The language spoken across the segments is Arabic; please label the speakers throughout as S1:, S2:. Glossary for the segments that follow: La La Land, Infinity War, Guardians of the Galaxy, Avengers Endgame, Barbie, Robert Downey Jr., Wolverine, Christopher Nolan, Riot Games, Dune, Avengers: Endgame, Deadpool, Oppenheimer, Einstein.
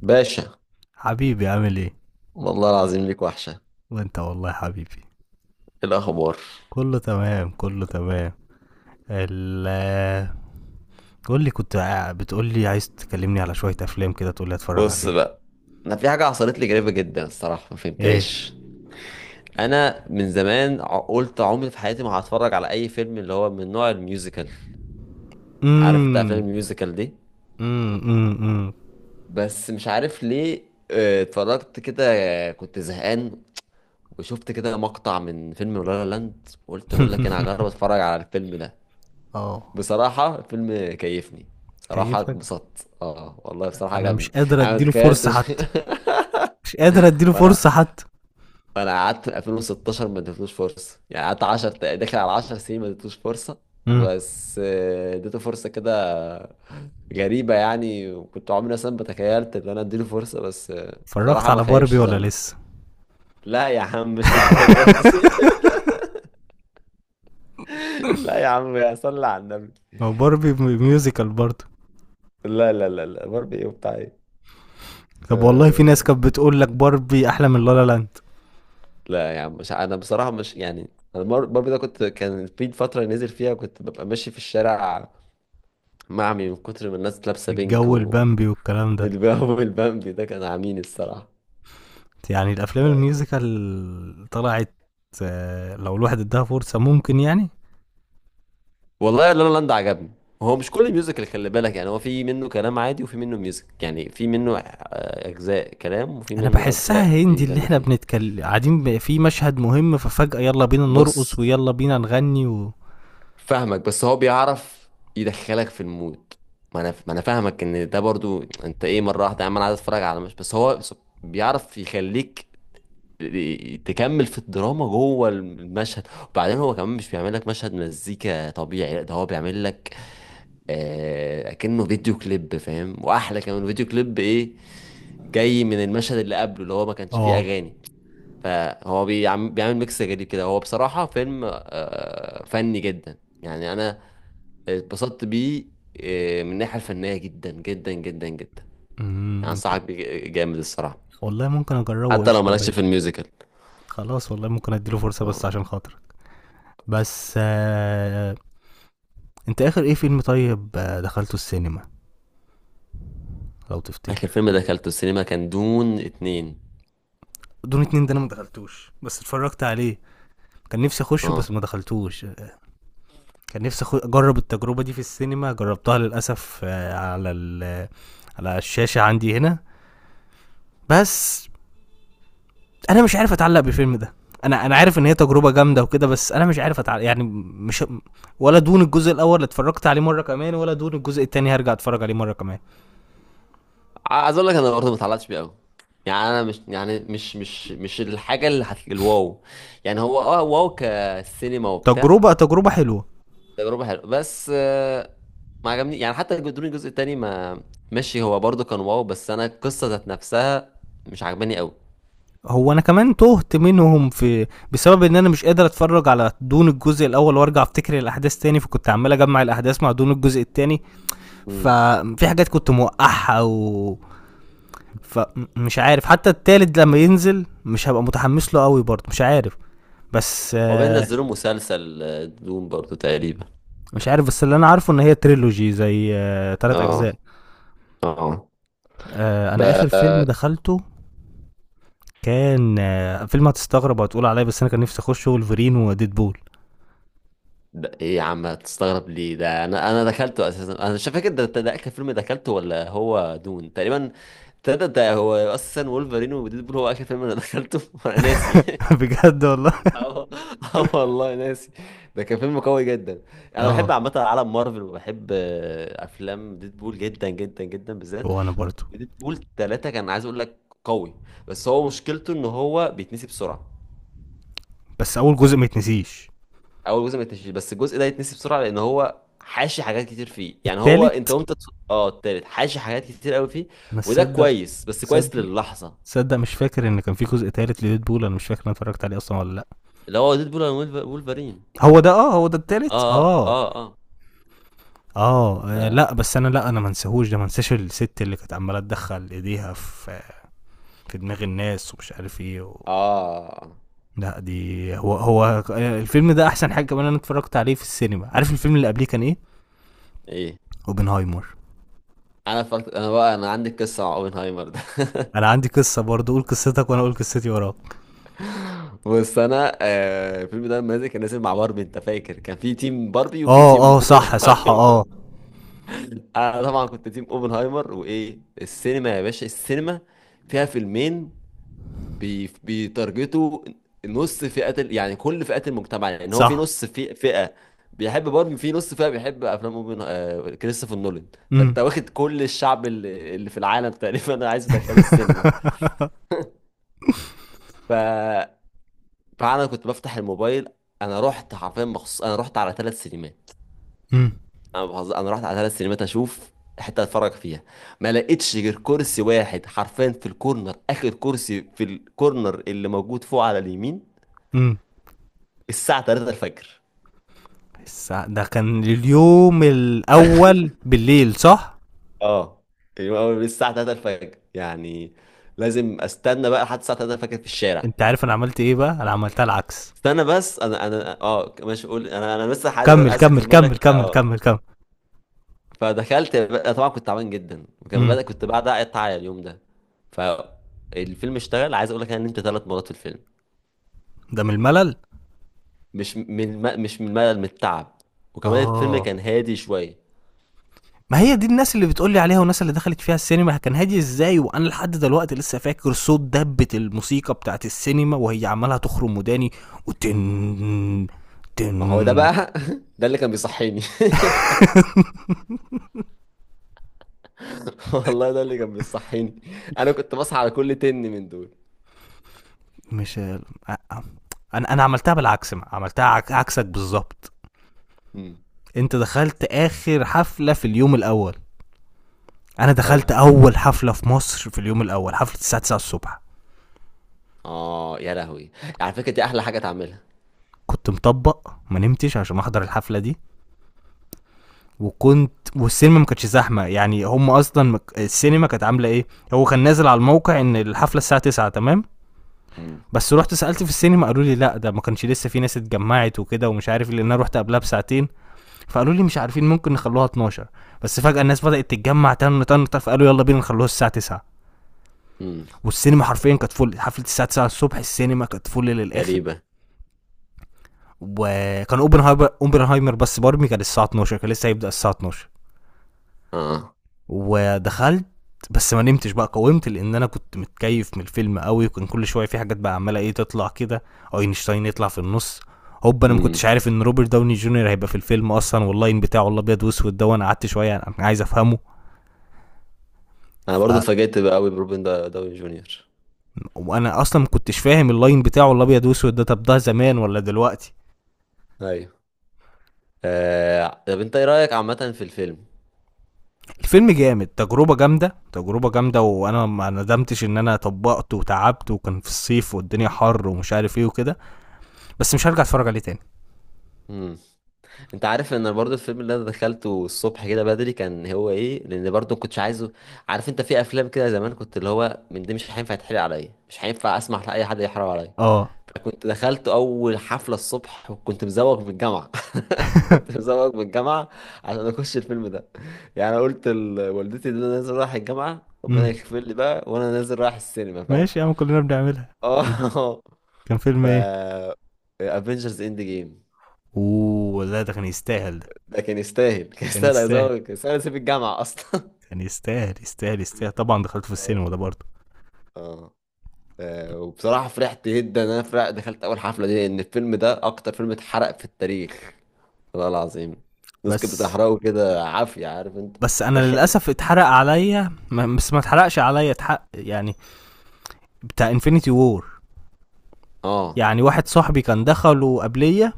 S1: باشا.
S2: حبيبي، عامل ايه؟
S1: والله العظيم ليك وحشة. إيه
S2: وانت والله حبيبي.
S1: الأخبار؟
S2: كله تمام، كله تمام. ال قول لي، كنت بتقول لي عايز تكلمني على شوية افلام كده تقول لي اتفرج
S1: بص
S2: عليها.
S1: بقى، أنا في حاجة حصلت لي غريبة جدا الصراحة ما
S2: ايه؟
S1: فهمتهاش. أنا من زمان قلت عمري في حياتي ما هتفرج على أي فيلم اللي هو من نوع الميوزيكال. عارف أنت أفلام
S2: امم
S1: الميوزيكال دي؟
S2: امم امم
S1: بس مش عارف ليه. اتفرجت كده. كنت زهقان، وشفت كده مقطع من فيلم لا لا لاند، وقلت بقول لك أنا هجرب أتفرج على الفيلم ده.
S2: اه.
S1: بصراحة الفيلم كيفني، بصراحة
S2: كيفك؟
S1: اتبسطت، اه والله بصراحة
S2: انا
S1: عجبني.
S2: مش قادر
S1: انا ما
S2: اديله فرصة
S1: تخيلتش.
S2: حتى، مش قادر اديله
S1: فانا
S2: فرصة حتى.
S1: فانا قعدت من 2016 ما اديتلوش فرصة، يعني قعدت 10 داخل على 10 سنين ما اديتلوش فرصة.
S2: امم
S1: بس اديته فرصة كده. غريبة يعني، وكنت عمري اصلا ما تخيلت ان انا اديله فرصة، بس
S2: اتفرجت
S1: بصراحة ما
S2: على باربي
S1: خيبش
S2: ولا
S1: ظني.
S2: لسه؟
S1: لا يا عم، مش للدرجة دي. لا يا عم، يا صلي على النبي.
S2: هو باربي ميوزيكال برضه؟
S1: لا، لا، لا، لا، باربي ايه وبتاع ايه؟
S2: طب والله في ناس
S1: آه.
S2: كانت بتقول لك باربي احلى من لا لا لاند.
S1: لا يا عم، مش انا بصراحه، مش يعني. انا برضه ده كنت، كان في فتره نزل فيها كنت ببقى ماشي في الشارع، معمي من كتر ما الناس لابسه بينك
S2: الجو
S1: والباو.
S2: البامبي والكلام ده.
S1: والبامبي ده كان عامين الصراحه.
S2: يعني الافلام الميوزيكال طلعت، لو الواحد اداها فرصه ممكن يعني.
S1: والله لا لا لاند عجبني. هو مش كل الميوزك، اللي خلي بالك يعني هو في منه كلام عادي وفي منه ميوزك، يعني في منه اجزاء كلام وفي
S2: انا
S1: منه
S2: بحسها
S1: اجزاء
S2: هندي، اللي
S1: بيتغنوا
S2: احنا
S1: فيها.
S2: بنتكلم قاعدين في مشهد مهم ففجاه يلا بينا نرقص
S1: بص،
S2: ويلا بينا نغني
S1: فاهمك بس هو بيعرف يدخلك في المود. ما انا فاهمك ان ده برضو، انت ايه مره واحده يا عم، انا عايز اتفرج على، مش بس هو بيعرف يخليك تكمل في الدراما جوه المشهد. وبعدين هو كمان مش بيعمل لك مشهد مزيكا طبيعي، لا ده هو بيعمل لك اكنه فيديو كليب، فاهم؟ واحلى كمان، فيديو كليب ايه جاي من المشهد اللي قبله اللي هو ما كانش فيه
S2: اه.
S1: اغاني. فهو بيعمل ميكس غريب كده، هو بصراحه فيلم فني جدا. يعني انا اتبسطت بيه من الناحية الفنية جدا جدا جدا جدا. يعني
S2: أمم،
S1: أنصحك بيه جامد الصراحة.
S2: والله ممكن اجربه،
S1: حتى لو
S2: قشطه
S1: مالكش في
S2: ماشي.
S1: الميوزيكال.
S2: خلاص والله ممكن اديله فرصه
S1: اه.
S2: بس عشان خاطرك. بس انت اخر ايه فيلم طيب دخلته السينما؟ لو
S1: آخر
S2: تفتكر.
S1: فيلم دخلته السينما كان دون اتنين.
S2: دون اتنين ده انا ما دخلتوش بس اتفرجت عليه. كان نفسي اخشه
S1: اه.
S2: بس ما دخلتوش. كان نفسي اجرب التجربه دي في السينما، جربتها للاسف على على الشاشه عندي هنا. بس انا مش عارف اتعلق بالفيلم ده. انا عارف ان هي تجربه جامده وكده، بس انا مش عارف اتعلق، يعني مش. ولا دون الجزء الاول اللي اتفرجت عليه مره كمان، ولا دون الجزء التاني هرجع اتفرج عليه مره كمان.
S1: عايز أقول لك أنا برضه متعلقتش بيه أوي. يعني أنا مش، يعني مش الحاجة اللي الواو. يعني هو واو كسينما وبتاع.
S2: تجربه، تجربه حلوه.
S1: تجربة حلوة، بس ما عجبني يعني حتى دون الجزء التاني، ما، ماشي. هو برضه كان واو، بس أنا القصة ذات نفسها مش عجباني
S2: هو انا كمان تهت منهم، في بسبب ان انا مش قادر اتفرج على دون الجزء الاول وارجع افتكر الاحداث تاني، فكنت عمال اجمع الاحداث مع دون الجزء التاني.
S1: أوي.
S2: ففي حاجات كنت موقعها. و... فمش عارف حتى التالت لما ينزل مش هبقى متحمس له قوي برضه، مش عارف. بس
S1: عقبال
S2: آه،
S1: نزلوا مسلسل دوم برضو تقريبا.
S2: مش عارف، بس اللي انا عارفه ان هي تريلوجي زي تلات اجزاء.
S1: اه. اه.
S2: انا اخر فيلم
S1: ب...
S2: دخلته كان فيلم هتستغرب وهتقول عليا، بس انا كان نفسي اخشه، ولفرين وديدبول.
S1: ده ايه يا عم، هتستغرب ليه؟ ده انا دخلته اساسا، انا مش فاكر ده اخر فيلم دخلته ولا هو دون تقريبا. ده هو اساسا، وولفرين وديدبول هو اخر فيلم انا دخلته. وانا ناسي.
S2: بجد والله.
S1: اه. والله ناسي. ده كان فيلم قوي جدا. انا بحب
S2: اه.
S1: عامه عالم مارفل، وبحب افلام ديدبول جدا جدا جدا بالذات.
S2: وانا برضه.
S1: ديدبول ثلاثة كان عايز اقول لك، قوي. بس هو مشكلته ان هو بيتنسي بسرعة.
S2: بس اول جزء ما يتنسيش.
S1: اول جزء ما يتنسيش، بس الجزء ده يتنسي بسرعة، لان هو حاشي حاجات كتير فيه. يعني هو،
S2: التالت.
S1: انت وانت التالت حاشي حاجات كتير قوي فيه.
S2: انا
S1: وده
S2: تصدق؟
S1: كويس، بس كويس
S2: تصدق.
S1: للحظة.
S2: تصدق مش فاكر ان كان في جزء تالت لديدبول. انا مش فاكر انا اتفرجت عليه اصلا ولا لا.
S1: اللي هو ديدبول اند وولفرين.
S2: هو ده، اه، هو ده
S1: اه،
S2: التالت،
S1: اه،
S2: اه.
S1: اه،
S2: اه،
S1: اه.
S2: لا بس انا، لا انا ما انساهوش ده، ما انساش الست اللي كانت عماله تدخل ايديها في في دماغ الناس ومش عارف ايه. و...
S1: آه.
S2: لا دي هو، الفيلم ده احسن حاجه. كمان انا اتفرجت عليه في السينما، عارف الفيلم اللي قبليه كان ايه؟
S1: ايه؟
S2: اوبنهايمر.
S1: انا بقى، انا عندي قصة مع اوبنهايمر ده.
S2: انا عندي قصه برضه، قول قصتك وانا اقول قصتي وراك.
S1: بس انا الفيلم ده لما نزل كان نازل مع باربي، انت فاكر كان في تيم باربي وفي
S2: اه،
S1: تيم
S2: اه، صح، صح، اه.
S1: اوبنهايمر؟ انا طبعا كنت تيم اوبنهايمر. وايه السينما يا باشا، السينما فيها فيلمين بيتارجتوا نص فئة يعني كل فئات المجتمع. يعني هو في
S2: صح.
S1: نص، في فئة بيحب باربي، في نص فئة بيحب افلام اوبن آه، كريستوفر نولان.
S2: امم
S1: فانت واخد كل الشعب اللي في العالم تقريبا، انا عايز ادخله السينما. ف فانا كنت بفتح الموبايل. انا رحت حرفيا مخصوص، انا رحت على ثلاث سينمات.
S2: امم
S1: انا بهزر، انا رحت على ثلاث سينمات اشوف حته اتفرج فيها. ما لقيتش غير كرسي واحد حرفيا في الكورنر، اخر كرسي في الكورنر اللي موجود فوق على اليمين.
S2: امم
S1: الساعه 3 الفجر.
S2: ده كان اليوم الاول بالليل، صح؟
S1: اه، يعني هو الساعه 3 الفجر يعني، لازم استنى بقى لحد الساعه 3 الفجر في الشارع.
S2: انت عارف انا عملت ايه بقى؟ انا عملتها العكس.
S1: استنى، بس انا، ماشي، قول. انا، لسه عايز،
S2: كمل، كمل،
S1: اكمل
S2: كمل،
S1: لك،
S2: كمل،
S1: اه.
S2: كمل، كمل.
S1: فدخلت بقى، طبعا كنت تعبان جدا، وكمان
S2: امم
S1: بدأ كنت بعد اقطع اليوم ده. فالفيلم اشتغل، عايز اقول لك ان انت ثلاث مرات في الفيلم.
S2: ده من الملل.
S1: مش من الملل، من التعب. وكمان الفيلم
S2: اه.
S1: كان هادي شوية.
S2: ما هي دي الناس اللي بتقول لي عليها، والناس اللي دخلت فيها السينما كان هادي ازاي، وانا لحد دلوقتي لسه فاكر صوت دبة الموسيقى بتاعت السينما وهي عمالة تخرم وداني. وتن،
S1: ما هو ده
S2: تن.
S1: بقى. ده اللي كان بيصحيني. والله ده اللي كان بيصحيني، انا كنت بصحى على كل تن من دول.
S2: مش ال- آه، آه. انا عملتها بالعكس. ما. عملتها عكسك بالظبط.
S1: امم.
S2: انت دخلت اخر حفلة في اليوم الاول. انا دخلت
S1: ايوه.
S2: اول حفلة في مصر في اليوم الاول، حفلة الساعة 9 الصبح.
S1: اه، يا لهوي، على فكرة دي احلى حاجة تعملها.
S2: كنت مطبق ما نمتش عشان احضر الحفله دي. وكنت، والسينما ما كانتش زحمه، يعني هم اصلا السينما كانت عامله ايه. هو كان نازل على الموقع ان الحفله الساعه 9 تمام.
S1: امم،
S2: بس رحت سالت في السينما قالوا لي لا، ده ما كانش لسه في ناس اتجمعت وكده ومش عارف إيه، لان انا رحت قبلها بساعتين. فقالوا لي مش عارفين، ممكن نخلوها 12. بس فجاه الناس بدات تتجمع، تن تن تن، فقالوا يلا بينا نخلوها الساعه 9.
S1: امم.
S2: والسينما حرفيا كانت فل، حفله الساعه 9 الصبح السينما كانت فل للاخر.
S1: غريبة.
S2: وكان اوبنهايمر، بس باربي كان الساعه 12، كان لسه هيبدا الساعه 12.
S1: اه.
S2: ودخلت. بس ما نمتش بقى، قاومت لان انا كنت متكيف من الفيلم قوي، وكان كل شويه في حاجات بقى عماله ايه تطلع كده. اينشتاين يطلع في النص. هوب، انا ما
S1: امم.
S2: كنتش عارف ان روبرت داوني جونيور هيبقى في الفيلم اصلا، واللاين بتاعه الابيض واسود ده، وانا قعدت شويه يعني انا عايز افهمه.
S1: انا
S2: ف...
S1: برضو اتفاجئت بقى قوي بروبن داوني جونيور.
S2: وانا اصلا ما كنتش فاهم اللاين بتاعه الابيض واسود ده، طب ده زمان ولا دلوقتي؟
S1: ايوه. طب انت ايه رأيك عامة في الفيلم؟
S2: الفيلم جامد، تجربه جامده، تجربه جامده، وانا ما ندمتش ان انا طبقته وتعبت وكان في الصيف والدنيا حر ومش عارف ايه وكده. بس مش هرجع اتفرج عليه تاني.
S1: انت عارف ان برضو الفيلم اللي انا دخلته الصبح كده بدري كان هو ايه؟ لان برضو ما كنتش عايزه. عارف انت في افلام كده زمان، كنت اللي هو من دي مش هينفع يتحرق عليا، مش هينفع اسمح لاي حد يحرق عليا.
S2: اه.
S1: فكنت دخلت اول حفلة الصبح، وكنت مزوغ من الجامعة. كنت مزوغ من الجامعة عشان اخش الفيلم ده. يعني انا قلت لوالدتي ان انا نازل رايح الجامعة، ربنا
S2: إمم.
S1: يغفر لي بقى، وانا نازل رايح السينما، فاهم.
S2: ماشي يا عم، كلّنا بنعملها.
S1: اه.
S2: كان فيلم
S1: ف
S2: إيه؟
S1: افنجرز اند جيم.
S2: أوه! لأ ده كان يستاهل ده،
S1: ده كان يستاهل، كان
S2: كان
S1: يستاهل
S2: يستاهل،
S1: هزار، كان يستاهل اسيب الجامعه اصلا.
S2: كان يستاهل، يستاهل، يستاهل. طبعًا دخلته في
S1: آه.
S2: السينما ده برضه.
S1: اه. وبصراحه فرحت جدا ان انا فرح دخلت اول حفله دي، لان الفيلم ده اكتر فيلم اتحرق في التاريخ. والله العظيم. الناس كانت
S2: بس
S1: بتحرقه كده عافيه، عارف انت.
S2: بس أنا للأسف
S1: رخامه.
S2: اتحرق عليّا. بس ما اتحرقش عليّا، اتحق يعني، بتاع Infinity War.
S1: اه.
S2: يعني واحد صاحبي كان دخله قبليّا،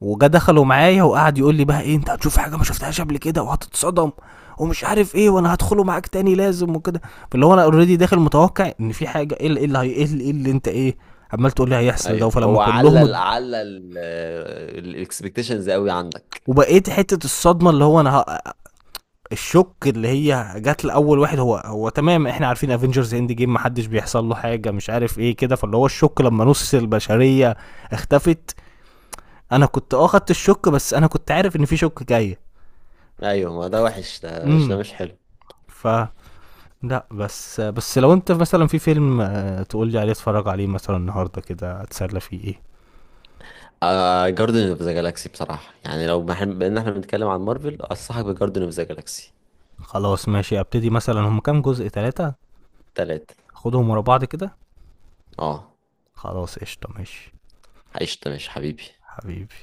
S2: وجا دخلوا معايا وقعد يقول لي بقى: ايه، انت هتشوف حاجه ما شفتهاش قبل كده، وهتتصدم ومش عارف ايه، وانا هدخله معاك تاني لازم وكده. فاللي هو انا اوريدي داخل متوقع ان في حاجه، إيه اللي هي، إيه اللي انت ايه، عمال تقول لي هيحصل ده؟
S1: ايوه،
S2: فلما
S1: هو
S2: كلهم
S1: علل علل الاكسبكتيشنز قوي عندك.
S2: وبقيت حته الصدمه، اللي هو انا الشك اللي هي جات لاول واحد هو، تمام احنا عارفين افنجرز اند جيم محدش بيحصل له حاجه مش عارف ايه كده. فاللي هو الشك لما نص البشريه اختفت، انا كنت خدت الشك بس انا كنت عارف ان في شك جاي.
S1: ايوه، ما ده وحش، ده مش ده
S2: امم
S1: مش حلو.
S2: ف لأ، بس لو أنت مثلًا في فيلم تقول لي عليه اتفرج عليه مثلًا النهارده كده أتسلى فيه إيه؟
S1: جاردن اوف ذا جالاكسي بصراحه، يعني لو بان احنا بنتكلم عن مارفل، انصحك بجاردن اوف ذا جالاكسي.
S2: خلاص ماشي أبتدي، مثلًا هُم كام جزء، 3؟
S1: تلاتة.
S2: آخدهم ورا بعض كده؟
S1: اه.
S2: خلاص قشطة، ماشي،
S1: عشت، ماشي حبيبي.
S2: حبيبي.